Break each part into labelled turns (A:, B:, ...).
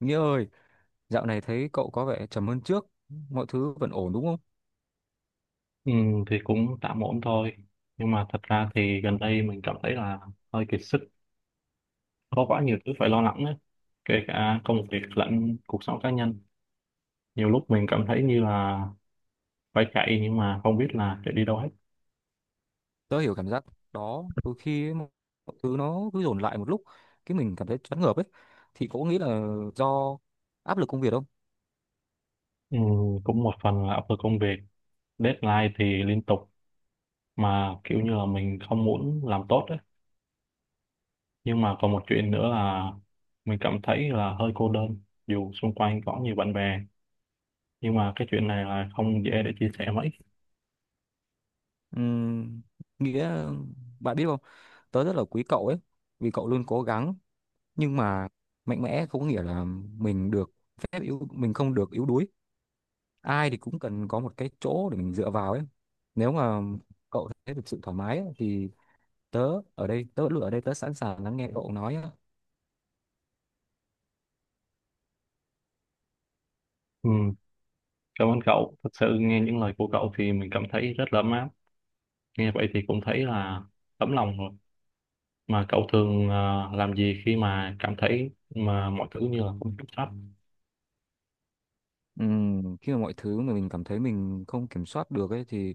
A: Nghĩa ơi, dạo này thấy cậu có vẻ trầm hơn trước, mọi thứ vẫn ổn đúng không?
B: Ừ, thì cũng tạm ổn thôi, nhưng mà thật ra thì gần đây mình cảm thấy là hơi kiệt sức, có quá nhiều thứ phải lo lắng ấy. Kể cả công việc lẫn cuộc sống cá nhân, nhiều lúc mình cảm thấy như là phải chạy nhưng mà không biết là chạy đi đâu hết.
A: Tớ hiểu cảm giác đó, đôi khi ấy, mọi thứ nó cứ dồn lại một lúc, cái mình cảm thấy choáng ngợp ấy. Thì cậu nghĩ là do áp lực công việc không?
B: Ừ, cũng một phần là áp lực công việc, deadline thì liên tục, mà kiểu như là mình không muốn làm tốt ấy. Nhưng mà còn một chuyện nữa là mình cảm thấy là hơi cô đơn, dù xung quanh có nhiều bạn bè nhưng mà cái chuyện này là không dễ để chia sẻ mấy.
A: Ừm, nghĩa bạn biết không, tớ rất là quý cậu ấy, vì cậu luôn cố gắng, nhưng mà mạnh mẽ không có nghĩa là mình được phép yếu, mình không được yếu đuối. Ai thì cũng cần có một cái chỗ để mình dựa vào ấy. Nếu mà cậu thấy được sự thoải mái ấy, thì tớ ở đây, tớ luôn ở đây, tớ sẵn sàng lắng nghe cậu nói á.
B: Ừ, cảm ơn cậu. Thật sự nghe những lời của cậu thì mình cảm thấy rất là ấm áp. Nghe vậy thì cũng thấy là tấm lòng rồi. Mà cậu thường làm gì khi mà cảm thấy mà mọi thứ như là không kiểm soát?
A: Khi mà mọi thứ mà mình cảm thấy mình không kiểm soát được ấy thì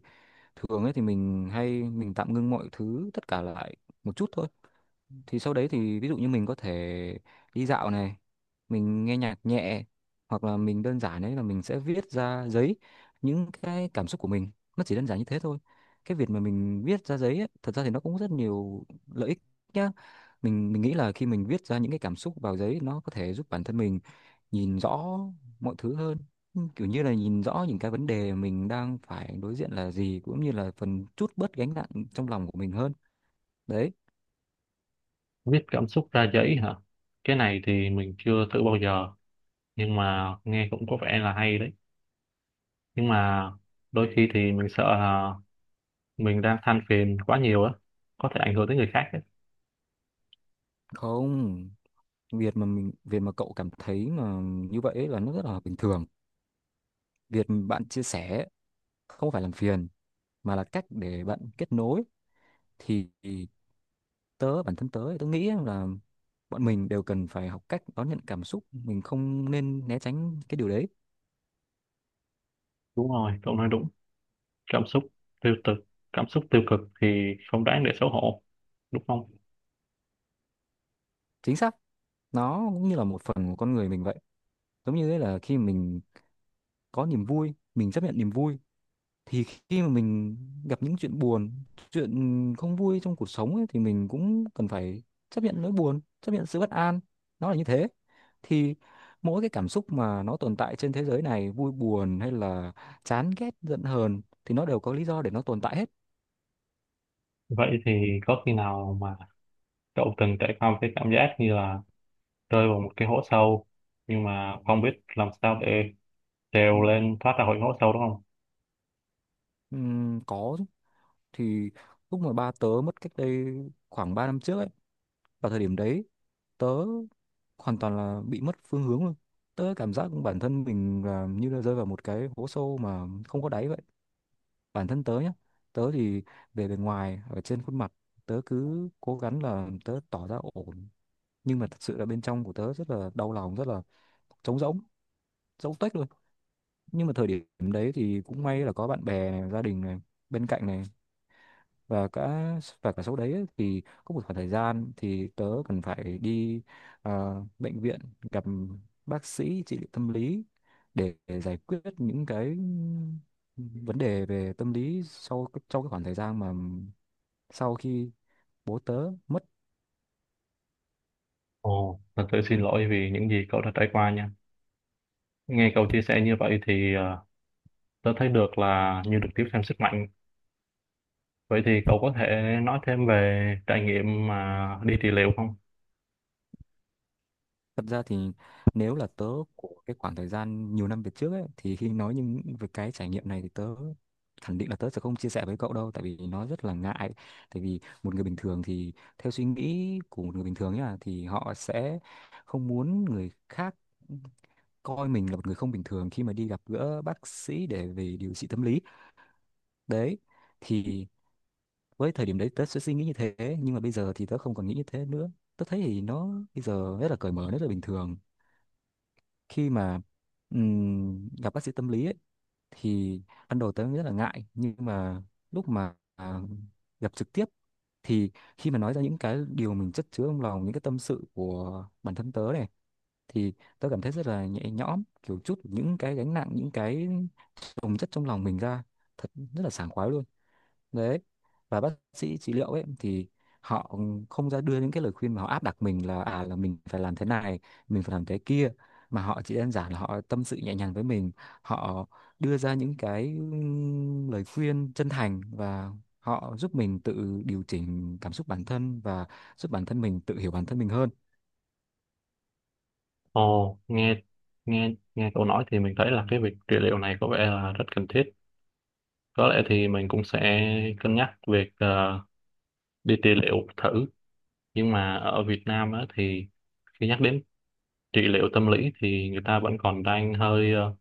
A: thường ấy thì mình hay tạm ngưng mọi thứ tất cả lại một chút thôi, thì sau đấy thì ví dụ như mình có thể đi dạo này, mình nghe nhạc nhẹ, hoặc là mình đơn giản ấy là mình sẽ viết ra giấy những cái cảm xúc của mình. Nó chỉ đơn giản như thế thôi. Cái việc mà mình viết ra giấy ấy, thật ra thì nó cũng rất nhiều lợi ích nhá. Mình nghĩ là khi mình viết ra những cái cảm xúc vào giấy, nó có thể giúp bản thân mình nhìn rõ mọi thứ hơn. Ừ, kiểu như là nhìn rõ những cái vấn đề mình đang phải đối diện là gì, cũng như là phần chút bớt gánh nặng trong lòng của mình hơn đấy.
B: Viết cảm xúc ra giấy hả? Cái này thì mình chưa thử bao giờ, nhưng mà nghe cũng có vẻ là hay đấy. Nhưng mà đôi khi thì mình sợ là mình đang than phiền quá nhiều á, có thể ảnh hưởng tới người khác đấy.
A: Không, việc mà mình, việc mà cậu cảm thấy mà như vậy ấy là nó rất là bình thường. Việc bạn chia sẻ không phải làm phiền mà là cách để bạn kết nối. Thì tớ, bản thân tớ thì tớ nghĩ là bọn mình đều cần phải học cách đón nhận cảm xúc, mình không nên né tránh cái điều đấy.
B: Đúng rồi, cậu nói đúng. Cảm xúc tiêu cực, cảm xúc tiêu cực thì không đáng để xấu hổ, đúng không?
A: Chính xác, nó cũng như là một phần của con người mình vậy. Giống như ấy là khi mình có niềm vui mình chấp nhận niềm vui, thì khi mà mình gặp những chuyện buồn, chuyện không vui trong cuộc sống ấy, thì mình cũng cần phải chấp nhận nỗi buồn, chấp nhận sự bất an. Nó là như thế. Thì mỗi cái cảm xúc mà nó tồn tại trên thế giới này, vui buồn hay là chán ghét giận hờn, thì nó đều có lý do để nó tồn tại hết.
B: Vậy thì có khi nào mà cậu từng trải qua một cái cảm giác như là rơi vào một cái hố sâu nhưng mà không biết làm sao để
A: Ừ.
B: trèo lên thoát ra khỏi hố sâu, đúng không?
A: Có chứ. Thì lúc mà ba tớ mất cách đây khoảng 3 năm trước ấy, vào thời điểm đấy tớ hoàn toàn là bị mất phương hướng luôn. Tớ cảm giác bản thân mình là như là rơi vào một cái hố sâu mà không có đáy vậy. Bản thân tớ nhá, tớ thì về bề ngoài ở trên khuôn mặt tớ cứ cố gắng là tớ tỏ ra ổn, nhưng mà thật sự là bên trong của tớ rất là đau lòng, rất là trống rỗng, trống tuếch luôn. Nhưng mà thời điểm đấy thì cũng may là có bạn bè này, gia đình này bên cạnh này, và cả và cả sau đấy ấy, thì có một khoảng thời gian thì tớ cần phải đi bệnh viện gặp bác sĩ trị liệu tâm lý, để giải quyết những cái vấn đề về tâm lý sau sau cái khoảng thời gian mà sau khi bố tớ mất.
B: Ồ, thật sự xin lỗi vì những gì cậu đã trải qua nha. Nghe cậu chia sẻ như vậy thì tớ thấy được là như được tiếp thêm sức mạnh. Vậy thì cậu có thể nói thêm về trải nghiệm mà đi trị liệu không?
A: Thật ra thì nếu là tớ của cái khoảng thời gian nhiều năm về trước ấy, thì khi nói những về cái trải nghiệm này thì tớ khẳng định là tớ sẽ không chia sẻ với cậu đâu, tại vì nó rất là ngại. Tại vì một người bình thường thì, theo suy nghĩ của một người bình thường nhá, thì họ sẽ không muốn người khác coi mình là một người không bình thường khi mà đi gặp gỡ bác sĩ để về điều trị tâm lý đấy. Thì với thời điểm đấy tớ sẽ suy nghĩ như thế, nhưng mà bây giờ thì tớ không còn nghĩ như thế nữa. Tớ thấy thì nó bây giờ rất là cởi mở, rất là bình thường. Khi mà gặp bác sĩ tâm lý ấy, thì ban đầu tớ rất là ngại, nhưng mà lúc mà gặp trực tiếp, thì khi mà nói ra những cái điều mình chất chứa trong lòng, những cái tâm sự của bản thân tớ này, thì tớ cảm thấy rất là nhẹ nhõm, kiểu chút những cái gánh nặng, những cái chồng chất trong lòng mình ra, thật rất là sảng khoái luôn đấy. Và bác sĩ trị liệu ấy thì họ không ra đưa những cái lời khuyên mà họ áp đặt mình là à là mình phải làm thế này, mình phải làm thế kia, mà họ chỉ đơn giản là họ tâm sự nhẹ nhàng với mình. Họ đưa ra những cái lời khuyên chân thành, và họ giúp mình tự điều chỉnh cảm xúc bản thân và giúp bản thân mình tự hiểu bản thân mình hơn.
B: Ồ, nghe nghe nghe cậu nói thì mình thấy là cái việc trị liệu này có vẻ là rất cần thiết. Có lẽ thì mình cũng sẽ cân nhắc việc đi trị liệu thử, nhưng mà ở Việt Nam á, thì khi nhắc đến trị liệu tâm lý thì người ta vẫn còn đang hơi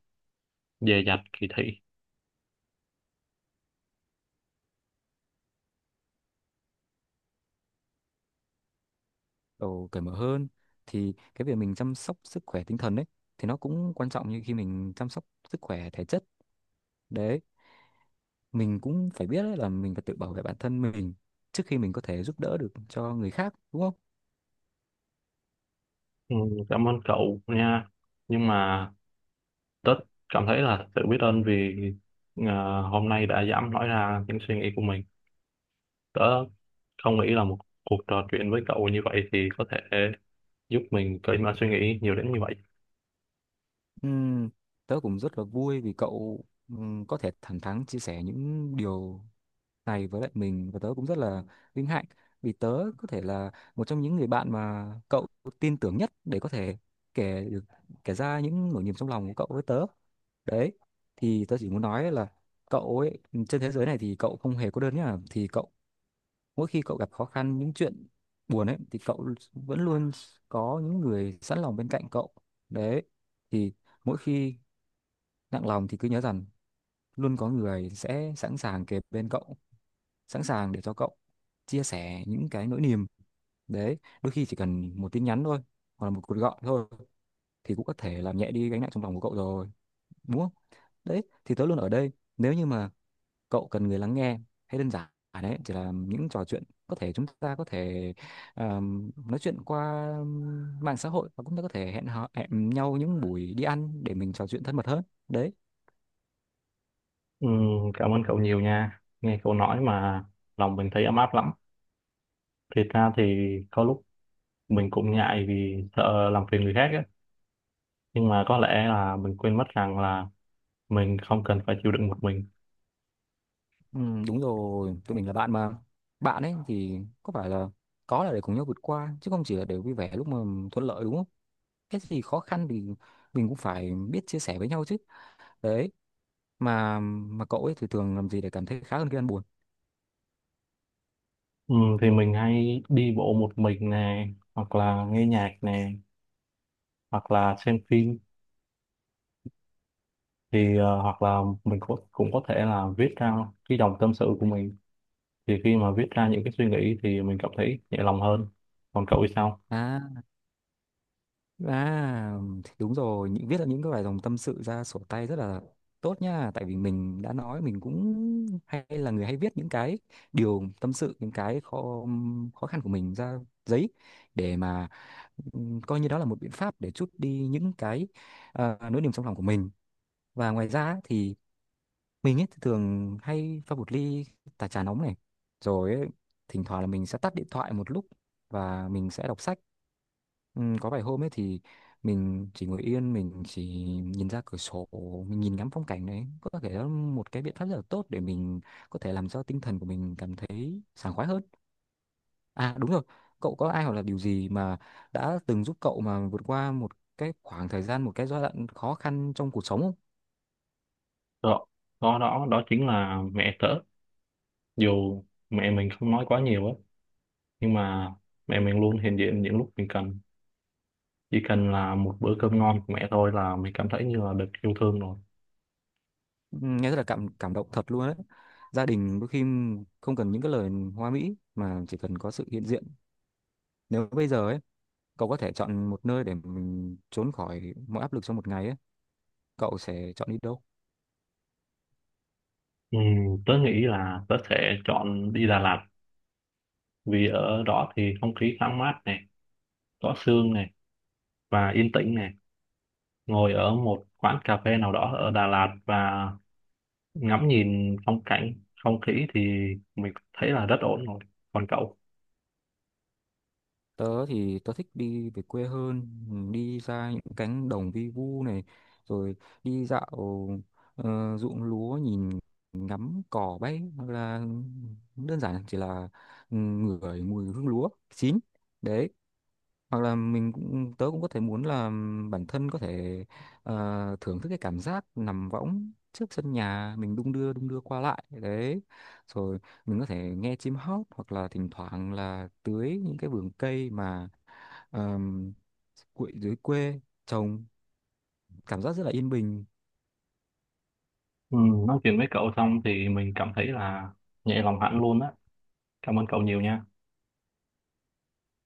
B: dè dặt, kỳ thị.
A: Đầu cởi mở hơn, thì cái việc mình chăm sóc sức khỏe tinh thần ấy, thì nó cũng quan trọng như khi mình chăm sóc sức khỏe thể chất đấy. Mình cũng phải biết đấy là mình phải tự bảo vệ bản thân mình trước khi mình có thể giúp đỡ được cho người khác, đúng không?
B: Ừ, cảm ơn cậu nha, nhưng mà tớ cảm thấy là sự biết ơn vì hôm nay đã dám nói ra những suy nghĩ của mình. Tớ không nghĩ là một cuộc trò chuyện với cậu như vậy thì có thể giúp mình cởi mở suy nghĩ nhiều đến như vậy.
A: Ừm, Tớ cũng rất là vui vì cậu có thể thẳng thắn chia sẻ những điều này với lại mình, và tớ cũng rất là vinh hạnh vì tớ có thể là một trong những người bạn mà cậu tin tưởng nhất để có thể kể được, kể ra những nỗi niềm trong lòng của cậu với tớ đấy. Thì tớ chỉ muốn nói là cậu ấy, trên thế giới này thì cậu không hề cô đơn nhá. Thì cậu, mỗi khi cậu gặp khó khăn, những chuyện buồn ấy, thì cậu vẫn luôn có những người sẵn lòng bên cạnh cậu đấy. Thì mỗi khi nặng lòng thì cứ nhớ rằng luôn có người sẽ sẵn sàng kề bên cậu, sẵn sàng để cho cậu chia sẻ những cái nỗi niềm đấy. Đôi khi chỉ cần một tin nhắn thôi hoặc là một cuộc gọi thôi thì cũng có thể làm nhẹ đi gánh nặng trong lòng của cậu rồi, đúng không? Đấy, thì tớ luôn ở đây nếu như mà cậu cần người lắng nghe, hay đơn giản à đấy chỉ là những trò chuyện, có thể chúng ta có thể nói chuyện qua mạng xã hội, và cũng ta có thể hẹn nhau những buổi đi ăn để mình trò chuyện thân mật hơn đấy.
B: Ừ, cảm ơn cậu nhiều nha, nghe cậu nói mà lòng mình thấy ấm áp lắm. Thiệt ra thì có lúc mình cũng ngại vì sợ làm phiền người khác á, nhưng mà có lẽ là mình quên mất rằng là mình không cần phải chịu đựng một mình.
A: Ừ, đúng rồi, tụi mình là bạn mà. Bạn ấy thì có là để cùng nhau vượt qua chứ không chỉ là để vui vẻ lúc mà thuận lợi, đúng không? Cái gì khó khăn thì mình cũng phải biết chia sẻ với nhau chứ đấy. Mà cậu ấy thì thường làm gì để cảm thấy khá hơn khi ăn buồn?
B: Ừ, thì mình hay đi bộ một mình nè, hoặc là nghe nhạc nè, hoặc là xem phim, thì hoặc là mình cũng cũng có thể là viết ra cái dòng tâm sự của mình. Thì khi mà viết ra những cái suy nghĩ thì mình cảm thấy nhẹ lòng hơn. Còn cậu thì sao?
A: À À, thì đúng rồi, những viết ra những cái bài dòng tâm sự ra sổ tay rất là tốt nha, tại vì mình đã nói mình cũng hay là người hay viết những cái điều tâm sự, những cái khó khó khăn của mình ra giấy, để mà coi như đó là một biện pháp để trút đi những cái nỗi niềm trong lòng của mình. Và ngoài ra thì mình ấy thì thường hay pha một ly tà trà nóng này, rồi ấy, thỉnh thoảng là mình sẽ tắt điện thoại một lúc và mình sẽ đọc sách. Ừ, có vài hôm ấy thì mình chỉ ngồi yên, mình chỉ nhìn ra cửa sổ, mình nhìn ngắm phong cảnh đấy. Có thể đó là một cái biện pháp rất là tốt để mình có thể làm cho tinh thần của mình cảm thấy sảng khoái hơn. À đúng rồi, cậu có ai hoặc là điều gì mà đã từng giúp cậu mà vượt qua một cái khoảng thời gian, một cái giai đoạn khó khăn trong cuộc sống không?
B: Đó đó đó đó chính là mẹ tớ. Dù mẹ mình không nói quá nhiều á, nhưng mà mẹ mình luôn hiện diện những lúc mình cần. Chỉ cần là một bữa cơm ngon của mẹ thôi là mình cảm thấy như là được yêu thương rồi.
A: Nghe rất là cảm cảm động thật luôn đấy. Gia đình đôi khi không cần những cái lời hoa mỹ mà chỉ cần có sự hiện diện. Nếu bây giờ ấy cậu có thể chọn một nơi để mình trốn khỏi mọi áp lực trong một ngày ấy, cậu sẽ chọn đi đâu?
B: Ừ, tớ nghĩ là tớ sẽ chọn đi Đà Lạt, vì ở đó thì không khí thoáng mát này, có sương này, và yên tĩnh này. Ngồi ở một quán cà phê nào đó ở Đà Lạt và ngắm nhìn phong cảnh, không khí thì mình thấy là rất ổn rồi. Còn cậu?
A: Tớ thì tớ thích đi về quê hơn. Ừ, đi ra những cánh đồng vi vu này, rồi đi dạo ruộng lúa, nhìn ngắm cỏ bay, hoặc là đơn giản chỉ là, ừ, ngửi mùi hương lúa chín đấy. Hoặc là mình cũng tớ cũng có thể muốn là bản thân có thể thưởng thức cái cảm giác nằm võng trước sân nhà mình, đung đưa qua lại đấy. Rồi mình có thể nghe chim hót, hoặc là thỉnh thoảng là tưới những cái vườn cây mà ờm, quậy dưới quê trồng. Cảm giác rất là yên bình.
B: Ừ, nói chuyện với cậu xong thì mình cảm thấy là nhẹ lòng hẳn luôn á. Cảm ơn cậu nhiều nha.